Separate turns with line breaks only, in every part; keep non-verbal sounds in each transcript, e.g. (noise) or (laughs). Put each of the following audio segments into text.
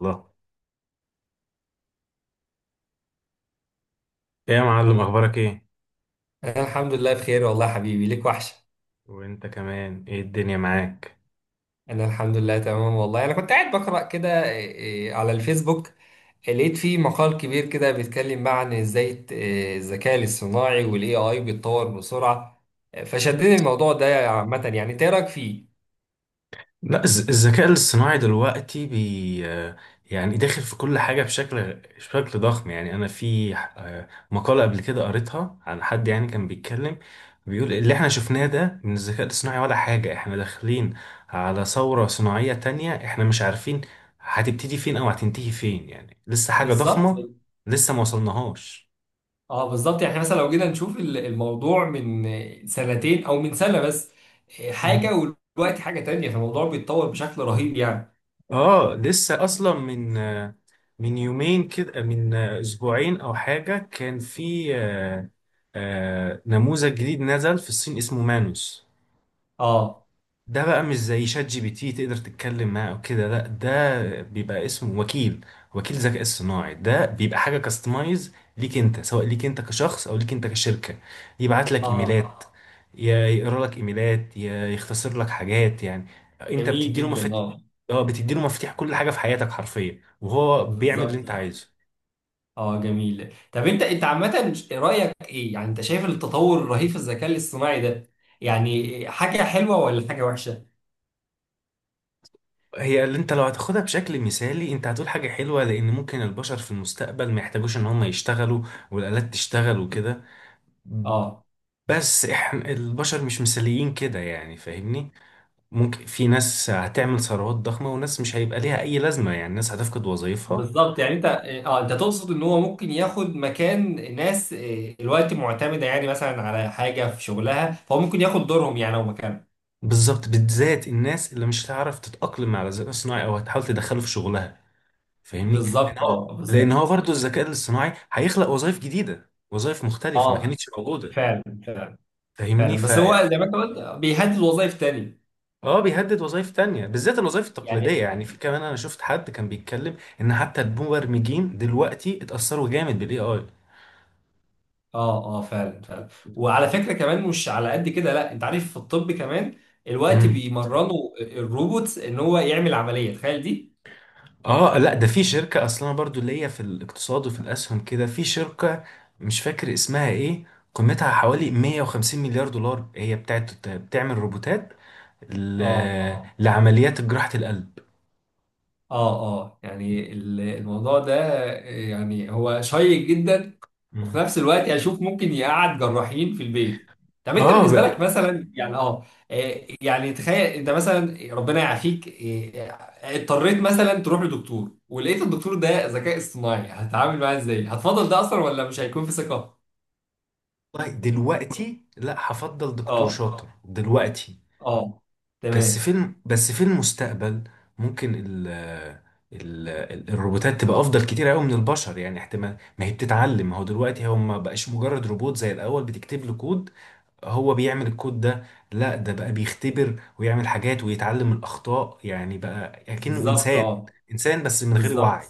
الله. ايه يا معلم، اخبارك ايه؟
أنا الحمد لله بخير، والله يا حبيبي ليك وحشة.
وانت كمان، ايه الدنيا معاك؟
أنا الحمد لله تمام والله. أنا كنت قاعد بقرأ كده على الفيسبوك. لقيت فيه مقال كبير كده بيتكلم بقى عن إزاي الت- إيه، الذكاء الاصطناعي والاي اي بيتطور بسرعة. فشدني الموضوع ده عامة، يعني أنت إيه رأيك فيه؟
لا، الذكاء الاصطناعي دلوقتي بي آه، يعني داخل في كل حاجة بشكل ضخم، يعني انا في مقالة قبل كده قريتها عن حد يعني كان بيتكلم، بيقول اللي احنا شفناه ده من الذكاء الاصطناعي ولا حاجة. احنا داخلين على ثورة صناعية تانية احنا مش عارفين هتبتدي فين او هتنتهي فين، يعني لسه حاجة
بالظبط،
ضخمة، لسه ما وصلناهاش.
اه، بالظبط. يعني إحنا مثلا لو جينا نشوف الموضوع، من سنتين او من سنة بس حاجة، ودلوقتي حاجة تانية، فالموضوع بيتطور بشكل رهيب يعني.
اه لسه اصلا من يومين كده، من اسبوعين او حاجه، كان في نموذج جديد نزل في الصين اسمه مانوس.
اه،
ده بقى مش زي شات جي بي تي تقدر تتكلم معاه او كده، لا ده بيبقى اسمه وكيل، وكيل ذكاء اصطناعي. ده بيبقى حاجه كاستمايز ليك انت، سواء ليك انت كشخص او ليك انت كشركه. يبعت لك
اه،
ايميلات، يا يقرا لك ايميلات، يا يختصر لك حاجات، يعني انت
جميل
بتدي له
جدا،
مفاتيح.
اه.
اه بتدي له مفاتيح كل حاجه في حياتك حرفيا، وهو بيعمل اللي انت
بالظبط،
عايزه.
اه، جميل. طب انت عامة رأيك ايه؟ يعني انت شايف التطور الرهيب في الذكاء الاصطناعي ده يعني حاجة حلوة ولا حاجة وحشة؟
هي اللي انت لو هتاخدها بشكل مثالي انت هتقول حاجه حلوه، لان ممكن البشر في المستقبل ما يحتاجوش ان هم يشتغلوا والالات تشتغل وكده.
اه
بس احنا البشر مش مثاليين كده، يعني فاهمني، ممكن في ناس هتعمل ثروات ضخمة وناس مش هيبقى ليها اي لازمة، يعني ناس هتفقد وظائفها.
بالظبط. يعني انت تقصد ان هو ممكن ياخد مكان ناس الوقت معتمدة يعني مثلا على حاجة في شغلها، فهو ممكن ياخد دورهم يعني او مكانهم.
بالظبط، بالذات الناس اللي مش هتعرف تتأقلم على الذكاء الصناعي او هتحاول تدخله في شغلها، فاهمني، لان
بالظبط،
هو
اه،
لان
بالظبط،
هو برضه الذكاء الاصطناعي هيخلق وظائف جديدة، وظائف مختلفة ما آه.
اه،
كانتش موجودة.
فعلا، فعلا.
فاهمني
فعلا،
ف
بس هو زي ما انت قلت بيهدد وظائف تانية
اه بيهدد وظائف تانية بالذات الوظائف التقليدية.
يعني.
يعني في كمان انا شفت حد كان بيتكلم ان حتى المبرمجين دلوقتي اتأثروا جامد بالاي اي.
اه، اه، فعلا، فعلا. وعلى فكره كمان مش على قد كده، لا، انت عارف، في الطب كمان الوقت بيمرنوا الروبوت ان هو يعمل عمليه، تخيل دي.
اه لا ده في شركة اصلا، انا برضو اللي هي في الاقتصاد وفي الاسهم كده، في شركة مش فاكر اسمها ايه، قيمتها حوالي 150 مليار دولار، هي بتاعت بتعمل روبوتات ل...
اه،
لعمليات جراحة القلب.
اه، اه، يعني الموضوع ده، يعني هو شيق جدا. وفي
مم.
نفس الوقت اشوف ممكن يقعد جراحين في البيت. طب انت
اه
بالنسبه لك
بقى.
مثلا، يعني، اه، يعني تخيل انت مثلا، ربنا يعافيك، اضطريت مثلا تروح لدكتور، ولقيت الدكتور ده ذكاء اصطناعي، هتتعامل معاه ازاي؟ هتفضل ده اصلا ولا مش هيكون في ثقه؟
والله دلوقتي لا، هفضل دكتور
اه،
شاطر دلوقتي.
اه، تمام.
بس في المستقبل ممكن الروبوتات تبقى افضل كتير قوي من البشر، يعني احتمال ما هي بتتعلم، ما هو دلوقتي هم ما بقاش مجرد روبوت زي الاول بتكتب له كود هو بيعمل الكود ده، لا ده بقى بيختبر ويعمل حاجات ويتعلم من الأخطاء، يعني بقى كأنه
بالظبط،
إنسان،
اه،
إنسان بس من غير
بالظبط،
وعي.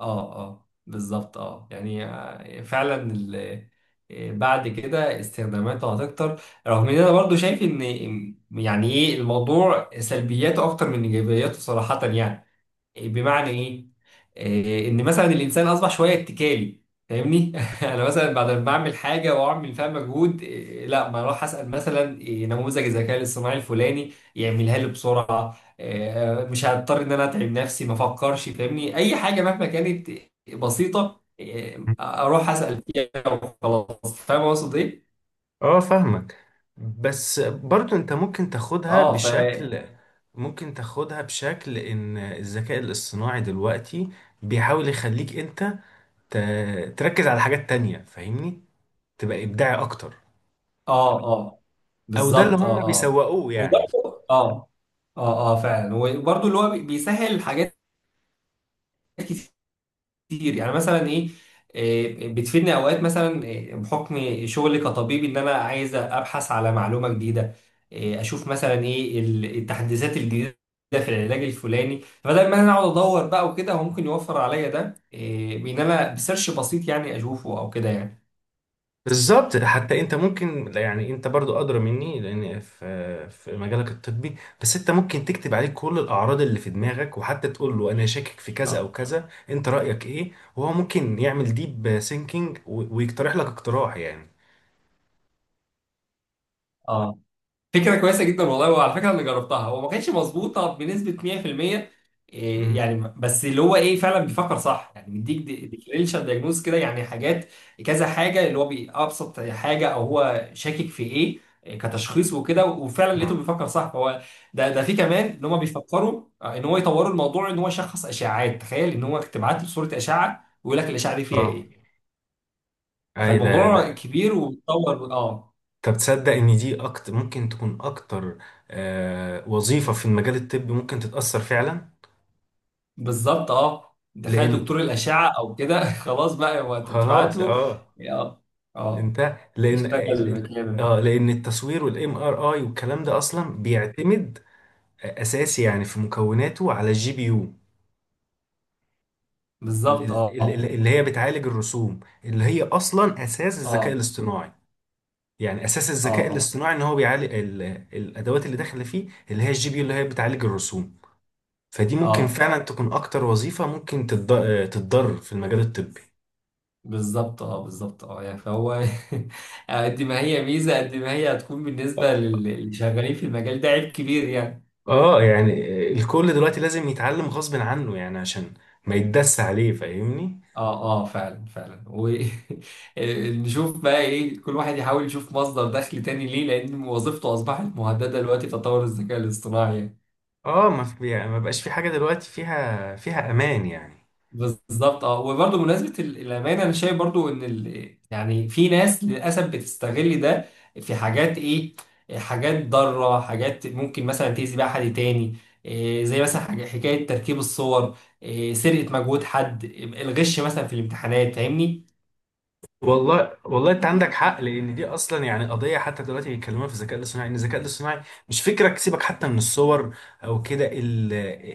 اه، اه، بالظبط، اه، يعني فعلا بعد كده استخداماته هتكتر، رغم ان انا برضو شايف ان يعني ايه الموضوع سلبياته اكتر من ايجابياته صراحة يعني. بمعنى ايه؟ ان مثلا الانسان اصبح شويه اتكالي. فاهمني؟ (laughs) انا مثلا بعد ما بعمل حاجه واعمل فيها مجهود، لا، ما اروح اسال مثلا نموذج الذكاء الاصطناعي الفلاني يعملها لي بسرعه. مش هضطر ان انا اتعب نفسي، ما افكرش. فاهمني؟ اي حاجه مهما كانت بسيطه، اروح اسال فيها وخلاص. فاهم اقصد ايه؟
اه فاهمك. بس برضو انت
اه،
ممكن تاخدها بشكل ان الذكاء الاصطناعي دلوقتي بيحاول يخليك انت تركز على حاجات تانية. فاهمني، تبقى ابداعي اكتر،
اه، اه،
او ده اللي
بالظبط،
هم
اه، اه،
بيسوقوه يعني.
وبرضه، اه. اه، اه، فعلا، وبرضه اللي هو بيسهل حاجات كتير، يعني مثلا ايه، بتفيدني اوقات مثلا، بحكم شغلي كطبيب، ان انا عايز ابحث على معلومه جديده، اشوف مثلا ايه التحديثات الجديده في العلاج الفلاني. فبدل ما انا اقعد ادور بقى وكده، هو ممكن يوفر عليا ده، بان انا بسيرش بسيط يعني، اشوفه او كده يعني.
بالظبط، حتى انت ممكن، يعني انت برضو ادرى مني لان في مجالك الطبي. بس انت ممكن تكتب عليه كل الاعراض اللي في دماغك، وحتى تقول له انا شاكك في كذا
اه،
او كذا، انت رايك ايه، وهو ممكن يعمل ديب سينكينج ويقترح لك اقتراح يعني.
اه، فكرة كويسة جدا والله. وعلى فكرة أنا جربتها، هو ما كانتش مظبوطة بنسبة 100%، إيه
امم
يعني، بس اللي هو إيه فعلا بيفكر صح، يعني بيديك ديفرنشال دايجنوز كده، يعني حاجات كذا حاجة اللي هو بأبسط حاجة، أو هو شاكك في إيه، كتشخيص وكده، وفعلا لقيته
اه
بيفكر صح. فهو، ده في كمان إن هم بيفكروا إن هو يطوروا الموضوع، إن هو يشخص أشعاعات. تخيل إن هو تبعت له صورة أشعة، ويقول لك الأشعة دي فيها
اه
إيه.
اي. ده
فالموضوع
ده
كبير وبيتطور، أه.
طب تصدق ان دي اكتر ممكن تكون اكتر وظيفه في المجال الطبي ممكن تتاثر فعلا.
بالظبط، اه. تخيل دكتور
لان
الأشعة أو كده، (laughs) خلاص بقى هو، أنت بتبعت
خلاص،
له.
اه،
اه، اه،
انت لان
يشتغل
بالظبط.
مكامل.
اه لان التصوير والام ار اي والكلام ده اصلا بيعتمد اساسي يعني في مكوناته على الجي بي يو،
بالظبط، اه، اه،
اللي هي بتعالج الرسوم اللي هي اصلا اساس الذكاء
اه،
الاصطناعي. يعني اساس الذكاء
اه،
الاصطناعي ان هو بيعالج الادوات اللي داخله فيه اللي هي الجي بي يو اللي هي بتعالج الرسوم. فدي
اه،
ممكن
آه.
فعلا تكون اكتر وظيفة ممكن تتضر في المجال الطبي.
بالظبط، اه، بالظبط، اه، يعني فهو (laughs) قد ما هي ميزة، قد ما هي هتكون بالنسبة للي شغالين في المجال ده عيب كبير يعني.
اه يعني الكل دلوقتي لازم يتعلم غصب عنه، يعني عشان ما يتدس عليه فاهمني.
اه، اه، فعلا، فعلا. ونشوف (laughs) بقى ايه، كل واحد يحاول يشوف مصدر دخل تاني ليه، لأن وظيفته أصبحت مهددة دلوقتي بتطور الذكاء الاصطناعي يعني.
اه، ما في، يعني ما بقاش في حاجه دلوقتي فيها امان يعني.
بالظبط، اه. وبرضه بمناسبه الامانه، انا شايف برضه ان يعني في ناس للاسف بتستغل ده في حاجات، حاجات ضاره، حاجات ممكن مثلا تاذي بيها حد تاني. زي مثلا حاجة حكايه تركيب الصور، سرقه مجهود حد، الغش مثلا في الامتحانات، فاهمني.
والله انت عندك حق، لان دي اصلا يعني قضيه حتى دلوقتي بيتكلموها في الذكاء الاصطناعي، ان الذكاء الاصطناعي مش فكرك سيبك حتى من الصور او كده،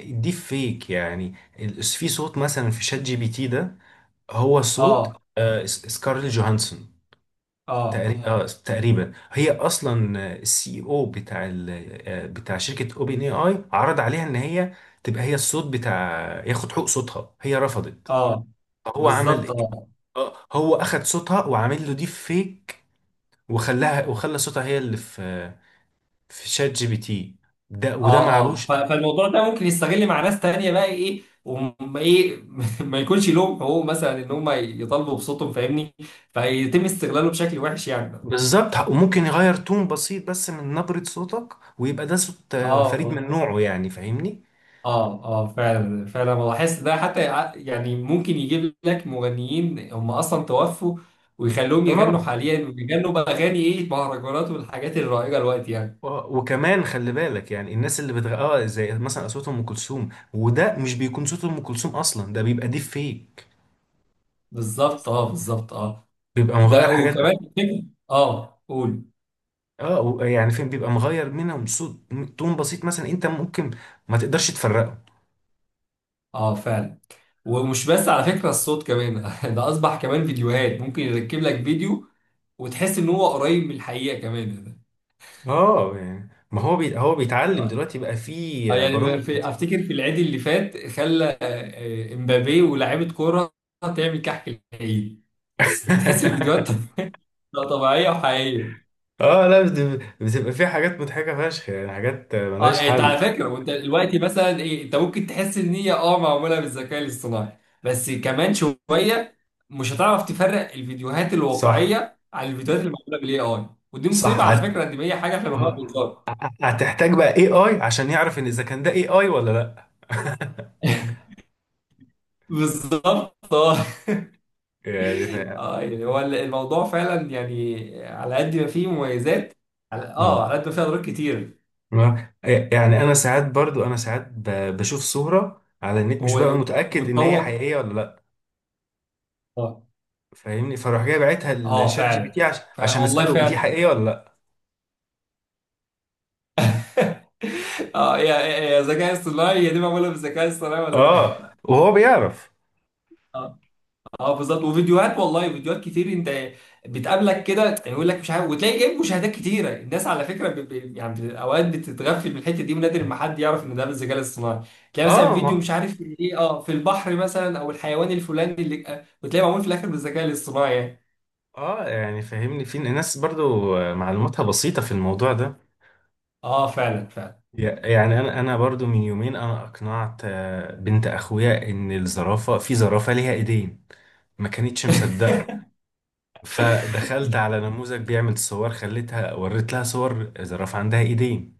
الديب فيك يعني. في صوت مثلا في شات جي بي تي، ده هو صوت
اه،
سكارلي جوهانسون
اه،
تقريبا. تقريبا هي اصلا السي او بتاع بتاع شركه اوبن اي اي عرض عليها ان هي تبقى هي الصوت بتاع، ياخد حقوق صوتها، هي رفضت.
اه،
هو عمل
بالظبط،
ايه؟
اه،
هو اخد صوتها وعامل له ديب فيك، وخلاها وخلى صوتها هي اللي في شات جي بي تي ده، وده
اه، اه،
معلوش.
فالموضوع ده ممكن يستغل مع ناس تانية، بقى ايه، وما ايه، (laughs) ما يكونش لهم حقوق مثلا ان هم يطالبوا بصوتهم، فاهمني. فيتم استغلاله بشكل وحش يعني، اه.
بالظبط، وممكن يغير تون بسيط بس من نبرة صوتك، ويبقى ده صوت فريد
اه،
من نوعه يعني فاهمني.
اه، اه، فعلا، فعلا. بحس ده حتى يعني ممكن يجيب لك مغنيين هم اصلا توفوا، ويخلوهم يغنوا
اه
حاليا ويغنوا باغاني، مهرجانات والحاجات الرائجة الوقت يعني.
وكمان خلي بالك، يعني الناس اللي بتغ... اه زي مثلا اصوات ام كلثوم، وده مش بيكون صوت ام كلثوم اصلا، ده بيبقى ديب فيك،
بالظبط، اه، بالظبط، اه.
بيبقى
ده
مغير حاجات.
وكمان، اه، قول.
اه يعني فين بيبقى مغير منهم صوت، تون بسيط مثلا انت ممكن ما تقدرش تفرقه.
اه، فعلا، ومش بس على فكرة الصوت كمان. (laughs) ده أصبح كمان فيديوهات، ممكن يركب لك فيديو وتحس إن هو قريب من الحقيقة كمان.
اه يعني ما هو هو بيتعلم
اه،
دلوقتي بقى، فيه برامج
يعني في،
كتير.
أفتكر في العيد اللي فات خلى امبابي ولاعيبة كورة تعمل كحك العيد. بتحس الفيديوهات
(laughs)
(laughs) لا، طبيعية وحقيقية.
اه لا بتبقى فيه حاجات مضحكة فشخ، يعني حاجات
اه،
ملهاش
انت على
حل.
فكره، وانت دلوقتي مثلا، انت ممكن تحس ان هي، معموله بالذكاء الاصطناعي. بس كمان شويه مش هتعرف تفرق الفيديوهات
صح.
الواقعيه عن الفيديوهات اللي معموله بالاي اي. ودي مصيبه
صح
على
هت...
فكره، ان هي حاجه احنا بنقولها
آه.
بالظبط.
هتحتاج بقى اي اي عشان يعرف ان اذا كان ده اي اي ولا لا. (laughs)
بالظبط، اه،
يعني ف...
اه. يعني هو الموضوع فعلا، يعني على قد ما فيه مميزات، على
مم.
اه على قد ما فيه اضرار كتير.
يعني انا ساعات، برضو انا ساعات بشوف صورة على النت مش بقى
هو
متأكد ان هي
وتطور.
حقيقية ولا لا.
اه،
فاهمني، فاروح جاي باعتها
اه،
لشات جي بي تي
فعلا،
عشان
والله
اسأله دي
فعلا.
حقيقية ولا لا.
اه، يا يا ذكاء اصطناعي، هي دي معموله بالذكاء الاصطناعي ولا لا؟
اه وهو بيعرف.
اه، اه، بالظبط. وفيديوهات والله، فيديوهات كتير انت بتقابلك كده، يعني يقول لك مش عارف، وتلاقي جايب مشاهدات كتيره. الناس على فكره يعني اوقات بتتغفل من الحته دي، ونادر ما حد يعرف ان ده بالذكاء الاصطناعي. تلاقي مثلا
اه،
فيديو
ما
مش عارف ايه، في البحر مثلا، او الحيوان الفلاني اللي وتلاقيه معمول في الاخر بالذكاء الاصطناعي يعني.
اه يعني فاهمني في ناس برضو معلوماتها بسيطة في الموضوع ده.
اه، فعلا، فعلا.
يعني انا برضو من يومين انا اقنعت بنت اخويا ان الزرافة، في زرافة ليها ايدين، ما كانتش مصدقة.
(laughs)
فدخلت على نموذج بيعمل صور، خليتها وريت لها صور زرافة عندها ايدين.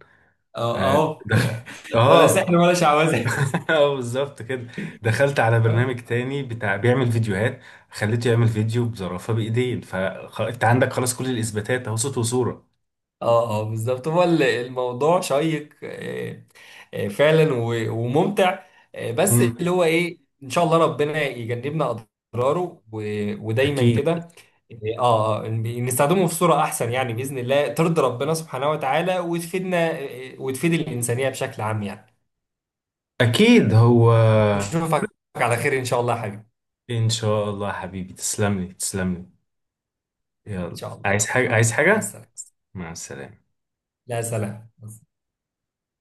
اه،
آه،
اهو.
دخ...
(laughs) ولا سحر
اه.
ولا شعوذه.
(laughs) اه بالظبط كده. دخلت على
اه.
برنامج تاني بتاع بيعمل فيديوهات، خليته يعمل فيديو بزرافة بايدين، فانت عندك خلاص كل الاثباتات اهو، صوت وصورة.
اه، اه، بالظبط. هو الموضوع شيق، فعلا وممتع. بس
امم
اللي هو ايه، ان شاء الله ربنا يجنبنا اضراره، ودايما
اكيد.
كده. اه، نستخدمه في صورة احسن، يعني باذن الله ترضي ربنا سبحانه وتعالى، وتفيدنا وتفيد الانسانية بشكل عام يعني.
اكيد هو.
نشوفك على خير ان شاء الله يا حبيبي.
ان شاء الله يا حبيبي، تسلم لي تسلم لي.
ان
يلا،
شاء الله،
عايز
ان
حاجة
شاء الله.
عايز
مع
حاجة؟
السلامة.
مع السلامة.
لا، سلام.